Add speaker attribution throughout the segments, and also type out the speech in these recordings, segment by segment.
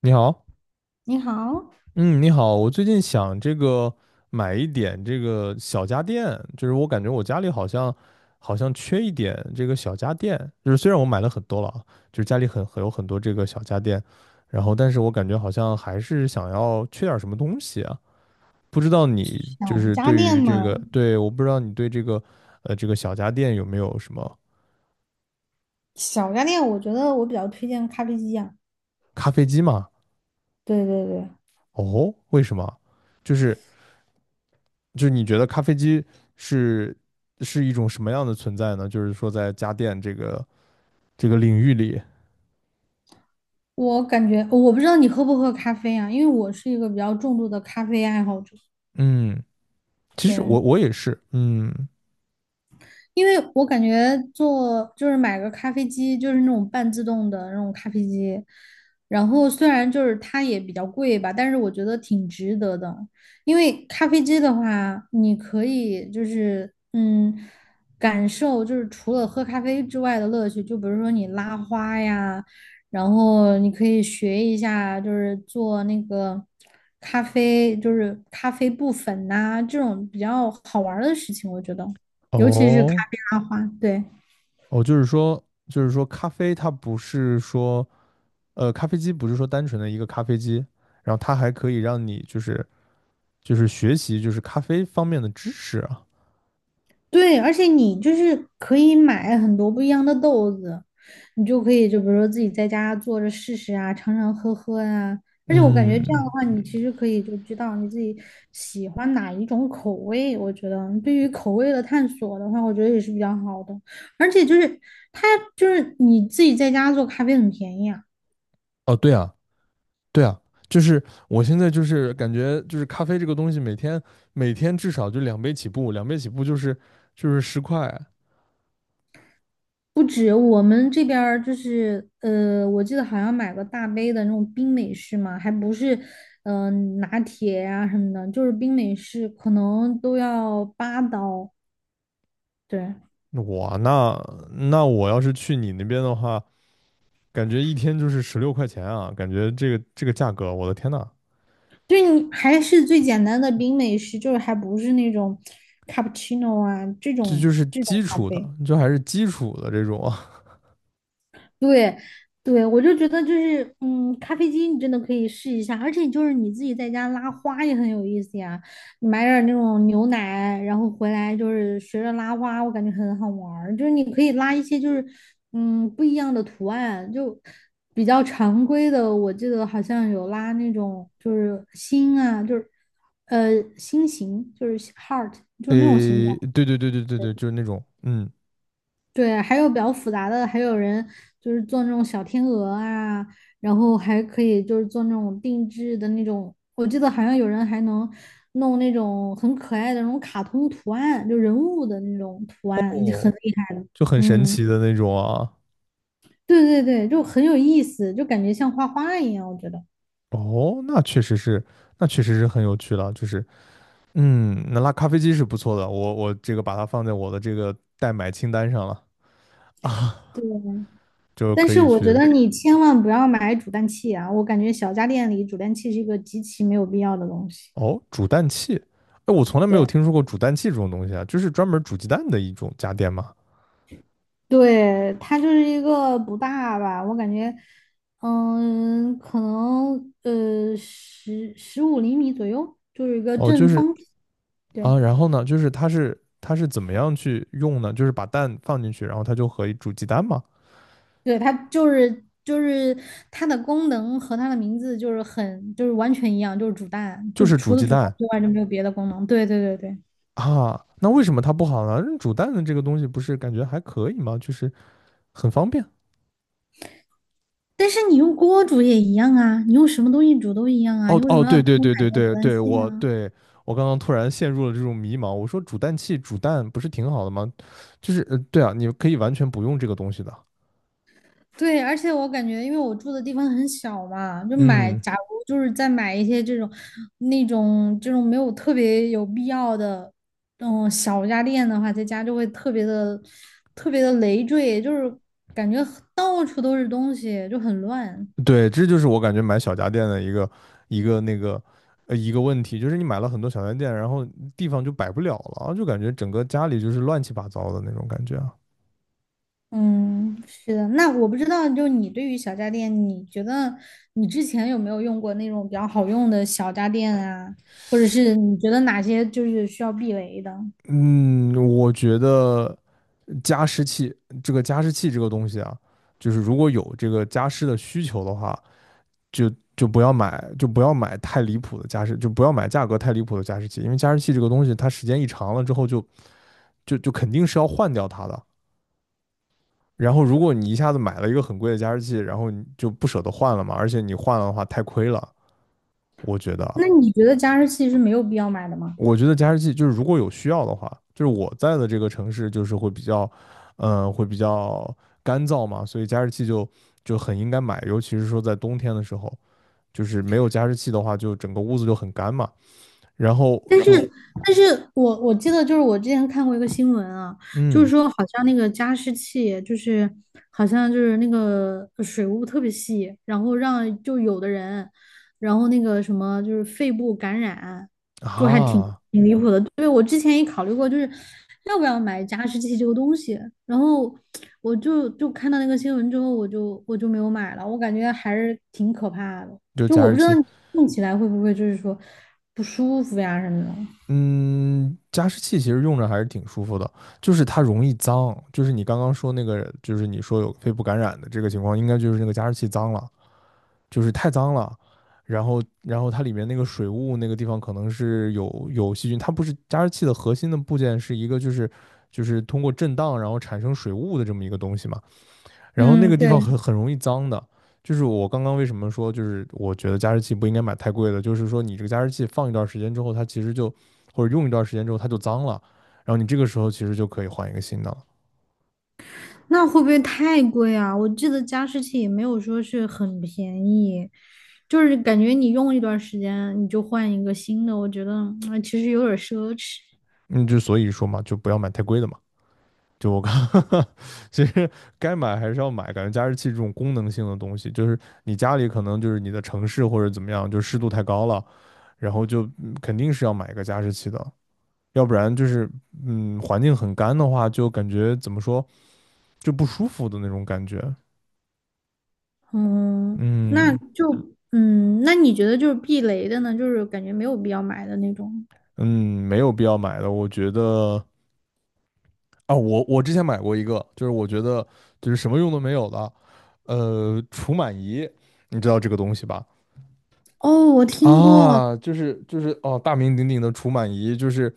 Speaker 1: 你好，
Speaker 2: 你好，
Speaker 1: 嗯，你好，我最近想这个买一点这个小家电，就是我感觉我家里好像缺一点这个小家电，就是虽然我买了很多了啊，就是家里很有很多这个小家电，然后但是我感觉好像还是想要缺点什么东西啊，不知道你
Speaker 2: 小
Speaker 1: 就是
Speaker 2: 家
Speaker 1: 对
Speaker 2: 电
Speaker 1: 于这
Speaker 2: 嘛，
Speaker 1: 个，对，我不知道你对这个小家电有没有什么
Speaker 2: 小家电，我觉得我比较推荐咖啡机啊。
Speaker 1: 咖啡机嘛？
Speaker 2: 对对对，
Speaker 1: 哦，为什么？就是。就是你觉得咖啡机是是一种什么样的存在呢？就是说在家电这个领域里，
Speaker 2: 我感觉我不知道你喝不喝咖啡啊，因为我是一个比较重度的咖啡爱好者。
Speaker 1: 嗯，其实
Speaker 2: 对，
Speaker 1: 我也是，
Speaker 2: 因为我感觉做就是买个咖啡机，就是那种半自动的那种咖啡机，然后虽然就是它也比较贵吧，但是我觉得挺值得的。因为咖啡机的话，你可以就是感受就是除了喝咖啡之外的乐趣，就比如说你拉花呀，然后你可以学一下就是做那个咖啡，就是咖啡布粉呐、这种比较好玩儿的事情，我觉得。尤其是咖
Speaker 1: 哦
Speaker 2: 啡拉花，对
Speaker 1: 哦，就是说咖啡它不是说咖啡机不是说单纯的一个咖啡机，然后它还可以让你就是学习就是咖啡方面的知识啊，
Speaker 2: 对，而且你就是可以买很多不一样的豆子，你就可以就比如说自己在家做着试试啊，尝尝喝喝啊。而且我感觉这样的
Speaker 1: 嗯，
Speaker 2: 话，你其实可以就知道你自己喜欢哪一种口味。我觉得对于口味的探索的话，我觉得也是比较好的。而且就是它就是你自己在家做咖啡很便宜啊。
Speaker 1: 哦对啊，对啊，就是我现在就是感觉就是咖啡这个东西，每天每天至少就两杯起步，两杯起步就是10块。
Speaker 2: 不止我们这边儿就是我记得好像买个大杯的那种冰美式嘛，还不是嗯、呃拿铁呀、什么的，就是冰美式可能都要8刀。对，
Speaker 1: 那我要是去你那边的话，感觉一天就是16块钱啊，感觉这个价格，我的天呐，
Speaker 2: 就是你还是最简单的冰美式，就是还不是那种 cappuccino 啊这
Speaker 1: 这就
Speaker 2: 种
Speaker 1: 是
Speaker 2: 这种
Speaker 1: 基
Speaker 2: 咖
Speaker 1: 础的，
Speaker 2: 啡。
Speaker 1: 就还是基础的这种啊。
Speaker 2: 对，对，我就觉得就是，咖啡机你真的可以试一下，而且就是你自己在家拉花也很有意思呀。你买点儿那种牛奶，然后回来就是学着拉花，我感觉很好玩儿。就是你可以拉一些就是，不一样的图案，就比较常规的。我记得好像有拉那种就是心啊，就是呃心形，就是 heart,就是那种形状。
Speaker 1: 诶，对对对对对对，就是那种
Speaker 2: 对，还有比较复杂的，还有人就是做那种小天鹅啊，然后还可以就是做那种定制的那种，我记得好像有人还能弄那种很可爱的那种卡通图案，就人物的那种图案，就很
Speaker 1: 哦，
Speaker 2: 厉害的。
Speaker 1: 就很神
Speaker 2: 嗯，
Speaker 1: 奇的那种啊。
Speaker 2: 对对对，就很有意思，就感觉像画画一样，我觉得。
Speaker 1: 哦，那确实是，那确实是很有趣了，就是。那拉咖啡机是不错的，我这个把它放在我的这个代买清单上了啊，
Speaker 2: 对，
Speaker 1: 就
Speaker 2: 但
Speaker 1: 可
Speaker 2: 是
Speaker 1: 以
Speaker 2: 我觉
Speaker 1: 去
Speaker 2: 得你千万不要买煮蛋器啊，我感觉小家电里煮蛋器是一个极其没有必要的东西。
Speaker 1: 哦，煮蛋器，哎，我从来没有
Speaker 2: 对。
Speaker 1: 听说过煮蛋器这种东西啊，就是专门煮鸡蛋的一种家电嘛。
Speaker 2: 对，它就是一个不大吧，我感觉，可能十五厘米左右，就是一个
Speaker 1: 哦，就
Speaker 2: 正
Speaker 1: 是
Speaker 2: 方体。对，
Speaker 1: 啊，然后呢，就是它是怎么样去用呢？就是把蛋放进去，然后它就可以煮鸡蛋嘛，
Speaker 2: 对，它就是它的功能和它的名字就是很就是完全一样，就是煮蛋，
Speaker 1: 就
Speaker 2: 就
Speaker 1: 是煮
Speaker 2: 除了
Speaker 1: 鸡
Speaker 2: 煮蛋
Speaker 1: 蛋
Speaker 2: 之外就没有别的功能。对对对对，
Speaker 1: 啊。那为什么它不好呢？煮蛋的这个东西不是感觉还可以吗？就是很方便
Speaker 2: 但是你用锅煮也一样啊，你用什么东西煮都一样啊，
Speaker 1: 哦
Speaker 2: 你为什
Speaker 1: 哦，
Speaker 2: 么要
Speaker 1: 对
Speaker 2: 单
Speaker 1: 对
Speaker 2: 独
Speaker 1: 对对
Speaker 2: 买个煮
Speaker 1: 对
Speaker 2: 蛋
Speaker 1: 对，
Speaker 2: 器啊？
Speaker 1: 我刚刚突然陷入了这种迷茫。我说煮蛋器煮蛋不是挺好的吗？就是对啊，你可以完全不用这个东西的。
Speaker 2: 对，而且我感觉，因为我住的地方很小嘛，就买，
Speaker 1: 嗯，
Speaker 2: 假如就是再买一些这种、那种、这种没有特别有必要的，小家电的话，在家就会特别的、特别的累赘，就是感觉很到处都是东西，就很乱。
Speaker 1: 对，这就是我感觉买小家电的一个那个一个问题，就是你买了很多小家电，然后地方就摆不了了，就感觉整个家里就是乱七八糟的那种感觉啊。
Speaker 2: 嗯，是的。那我不知道，就你对于小家电，你觉得你之前有没有用过那种比较好用的小家电啊？或者是你觉得哪些就是需要避雷的？
Speaker 1: 嗯，我觉得加湿器这个加湿器这个东西啊，就是如果有这个加湿的需求的话。就不要买，就不要买太离谱的加湿，就不要买价格太离谱的加湿器，因为加湿器这个东西，它时间一长了之后就肯定是要换掉它的。然后，如果你一下子买了一个很贵的加湿器，然后你就不舍得换了嘛，而且你换了的话太亏了。我觉得，
Speaker 2: 那你觉得加湿器是没有必要买的吗？
Speaker 1: 我觉得加湿器就是如果有需要的话，就是我在的这个城市就是会比较干燥嘛，所以加湿器就很应该买，尤其是说在冬天的时候。就是没有加湿器的话，就整个屋子就很干嘛。然后
Speaker 2: 但
Speaker 1: 就
Speaker 2: 是，但是我记得就是我之前看过一个新闻啊，就是
Speaker 1: 嗯
Speaker 2: 说好像那个加湿器就是好像就是那个水雾特别细，然后让就有的人，然后那个什么就是肺部感染，就还挺
Speaker 1: 啊，
Speaker 2: 挺离谱的。对，我之前也考虑过，就是要不要买加湿器这个东西，然后我就看到那个新闻之后，我就没有买了，我感觉还是挺可怕的。
Speaker 1: 就是
Speaker 2: 就
Speaker 1: 加
Speaker 2: 我
Speaker 1: 湿
Speaker 2: 不知道
Speaker 1: 器，
Speaker 2: 你用起来会不会就是说不舒服呀什么的。
Speaker 1: 嗯，加湿器其实用着还是挺舒服的，就是它容易脏，就是你刚刚说那个，就是你说有肺部感染的这个情况，应该就是那个加湿器脏了，就是太脏了，然后它里面那个水雾那个地方可能是有细菌，它不是加湿器的核心的部件是一个就是通过震荡然后产生水雾的这么一个东西嘛。然后那
Speaker 2: 嗯，
Speaker 1: 个地方
Speaker 2: 对，
Speaker 1: 很容易脏的，就是我刚刚为什么说，就是我觉得加湿器不应该买太贵的，就是说你这个加湿器放一段时间之后，它其实就或者用一段时间之后它就脏了，然后你这个时候其实就可以换一个新的了。
Speaker 2: 那会不会太贵啊？我记得加湿器也没有说是很便宜，就是感觉你用一段时间你就换一个新的，我觉得其实有点奢侈。
Speaker 1: 嗯，就所以说嘛，就不要买太贵的嘛。就我刚 其实该买还是要买，感觉加湿器这种功能性的东西，就是你家里可能就是你的城市或者怎么样，就湿度太高了，然后就肯定是要买一个加湿器的，要不然就是环境很干的话，就感觉怎么说，就不舒服的那种感觉。
Speaker 2: 嗯，那
Speaker 1: 嗯
Speaker 2: 就那你觉得就是避雷的呢？就是感觉没有必要买的那种。
Speaker 1: 嗯，没有必要买的，我觉得啊，我之前买过一个，就是我觉得就是什么用都没有的，除螨仪，你知道这个东西吧？
Speaker 2: 哦，我听过。
Speaker 1: 啊，就是哦，大名鼎鼎的除螨仪，就是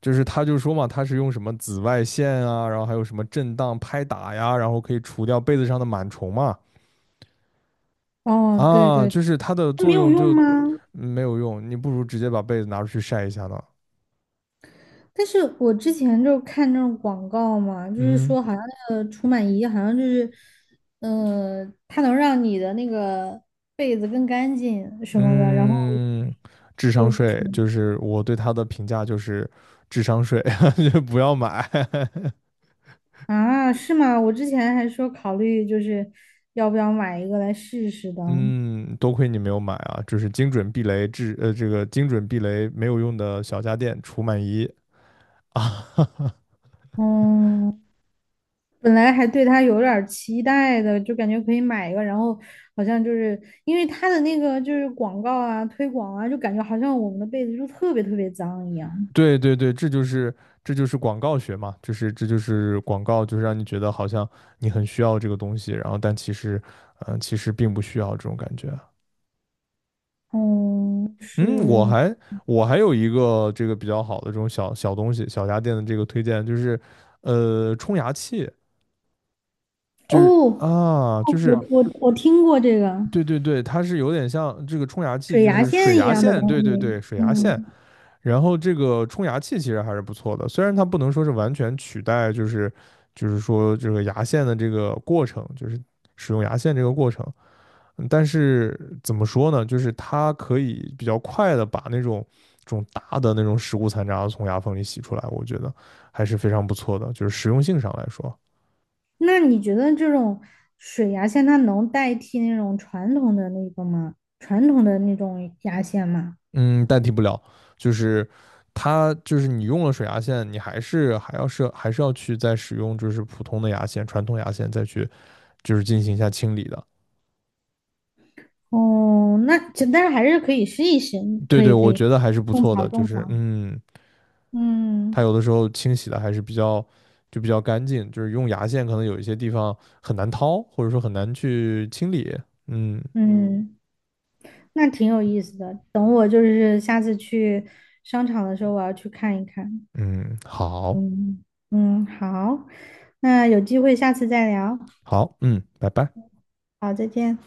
Speaker 1: 就是他就说嘛，他是用什么紫外线啊，然后还有什么震荡拍打呀，然后可以除掉被子上的螨虫嘛。
Speaker 2: 哦，对
Speaker 1: 啊，
Speaker 2: 对，
Speaker 1: 就是它的
Speaker 2: 它没
Speaker 1: 作
Speaker 2: 有
Speaker 1: 用
Speaker 2: 用
Speaker 1: 就
Speaker 2: 吗？
Speaker 1: 没有用，你不如直接把被子拿出去晒一下呢。
Speaker 2: 但是我之前就看那种广告嘛，就是
Speaker 1: 嗯
Speaker 2: 说好像那个除螨仪好像就是，它能让你的那个被子更干净什么的，然后
Speaker 1: 嗯，智
Speaker 2: 就
Speaker 1: 商税
Speaker 2: 挺
Speaker 1: 就是我对它的评价就是智商税，就不要买。
Speaker 2: 啊，是吗？我之前还说考虑就是要不要买一个来试试的，
Speaker 1: 嗯，多亏你没有买啊，就是精准避雷智呃这个精准避雷没有用的小家电除螨仪啊。
Speaker 2: 嗯，本来还对它有点儿期待的，就感觉可以买一个，然后好像就是因为它的那个就是广告啊、推广啊，就感觉好像我们的被子就特别特别脏一样。
Speaker 1: 对对对，这就是广告学嘛，就是这就是广告，就是让你觉得好像你很需要这个东西，然后但其实并不需要这种感觉。
Speaker 2: 嗯，
Speaker 1: 嗯，我
Speaker 2: 是
Speaker 1: 还我还有一个这个比较好的这种小小东西，小家电的这个推荐就是，冲牙器，
Speaker 2: 哦，
Speaker 1: 就是
Speaker 2: 哦
Speaker 1: 啊，就
Speaker 2: 我
Speaker 1: 是
Speaker 2: 嗯我我听过这个
Speaker 1: 对对对，它是有点像这个冲牙器，
Speaker 2: 水
Speaker 1: 就
Speaker 2: 牙
Speaker 1: 是水
Speaker 2: 线一
Speaker 1: 牙
Speaker 2: 样的
Speaker 1: 线，
Speaker 2: 东
Speaker 1: 对对对，
Speaker 2: 西。
Speaker 1: 水牙线。
Speaker 2: 嗯，
Speaker 1: 然后这个冲牙器其实还是不错的，虽然它不能说是完全取代，就是说这个牙线的这个过程，就是使用牙线这个过程，但是怎么说呢，就是它可以比较快的把那种这种大的那种食物残渣从牙缝里洗出来，我觉得还是非常不错的，就是实用性上来说，
Speaker 2: 那你觉得这种水牙线它能代替那种传统的那个吗？传统的那种牙线吗？
Speaker 1: 嗯，代替不了，就是它就是你用了水牙线，你还是要去再使用就是普通的牙线、传统牙线再去就是进行一下清理的。
Speaker 2: 哦，那就但是还是可以试一试，
Speaker 1: 对
Speaker 2: 可
Speaker 1: 对，
Speaker 2: 以可
Speaker 1: 我
Speaker 2: 以，
Speaker 1: 觉得还是不
Speaker 2: 种
Speaker 1: 错
Speaker 2: 草
Speaker 1: 的，就
Speaker 2: 种草。
Speaker 1: 是它
Speaker 2: 嗯
Speaker 1: 有的时候清洗的还是比较干净，就是用牙线可能有一些地方很难掏，或者说很难去清理。嗯
Speaker 2: 嗯，那挺有意思的。等我就是下次去商场的时候，我要去看一看。
Speaker 1: 嗯，好，
Speaker 2: 嗯，嗯，好，那有机会下次再聊。
Speaker 1: 好，嗯，拜拜。
Speaker 2: 好，再见。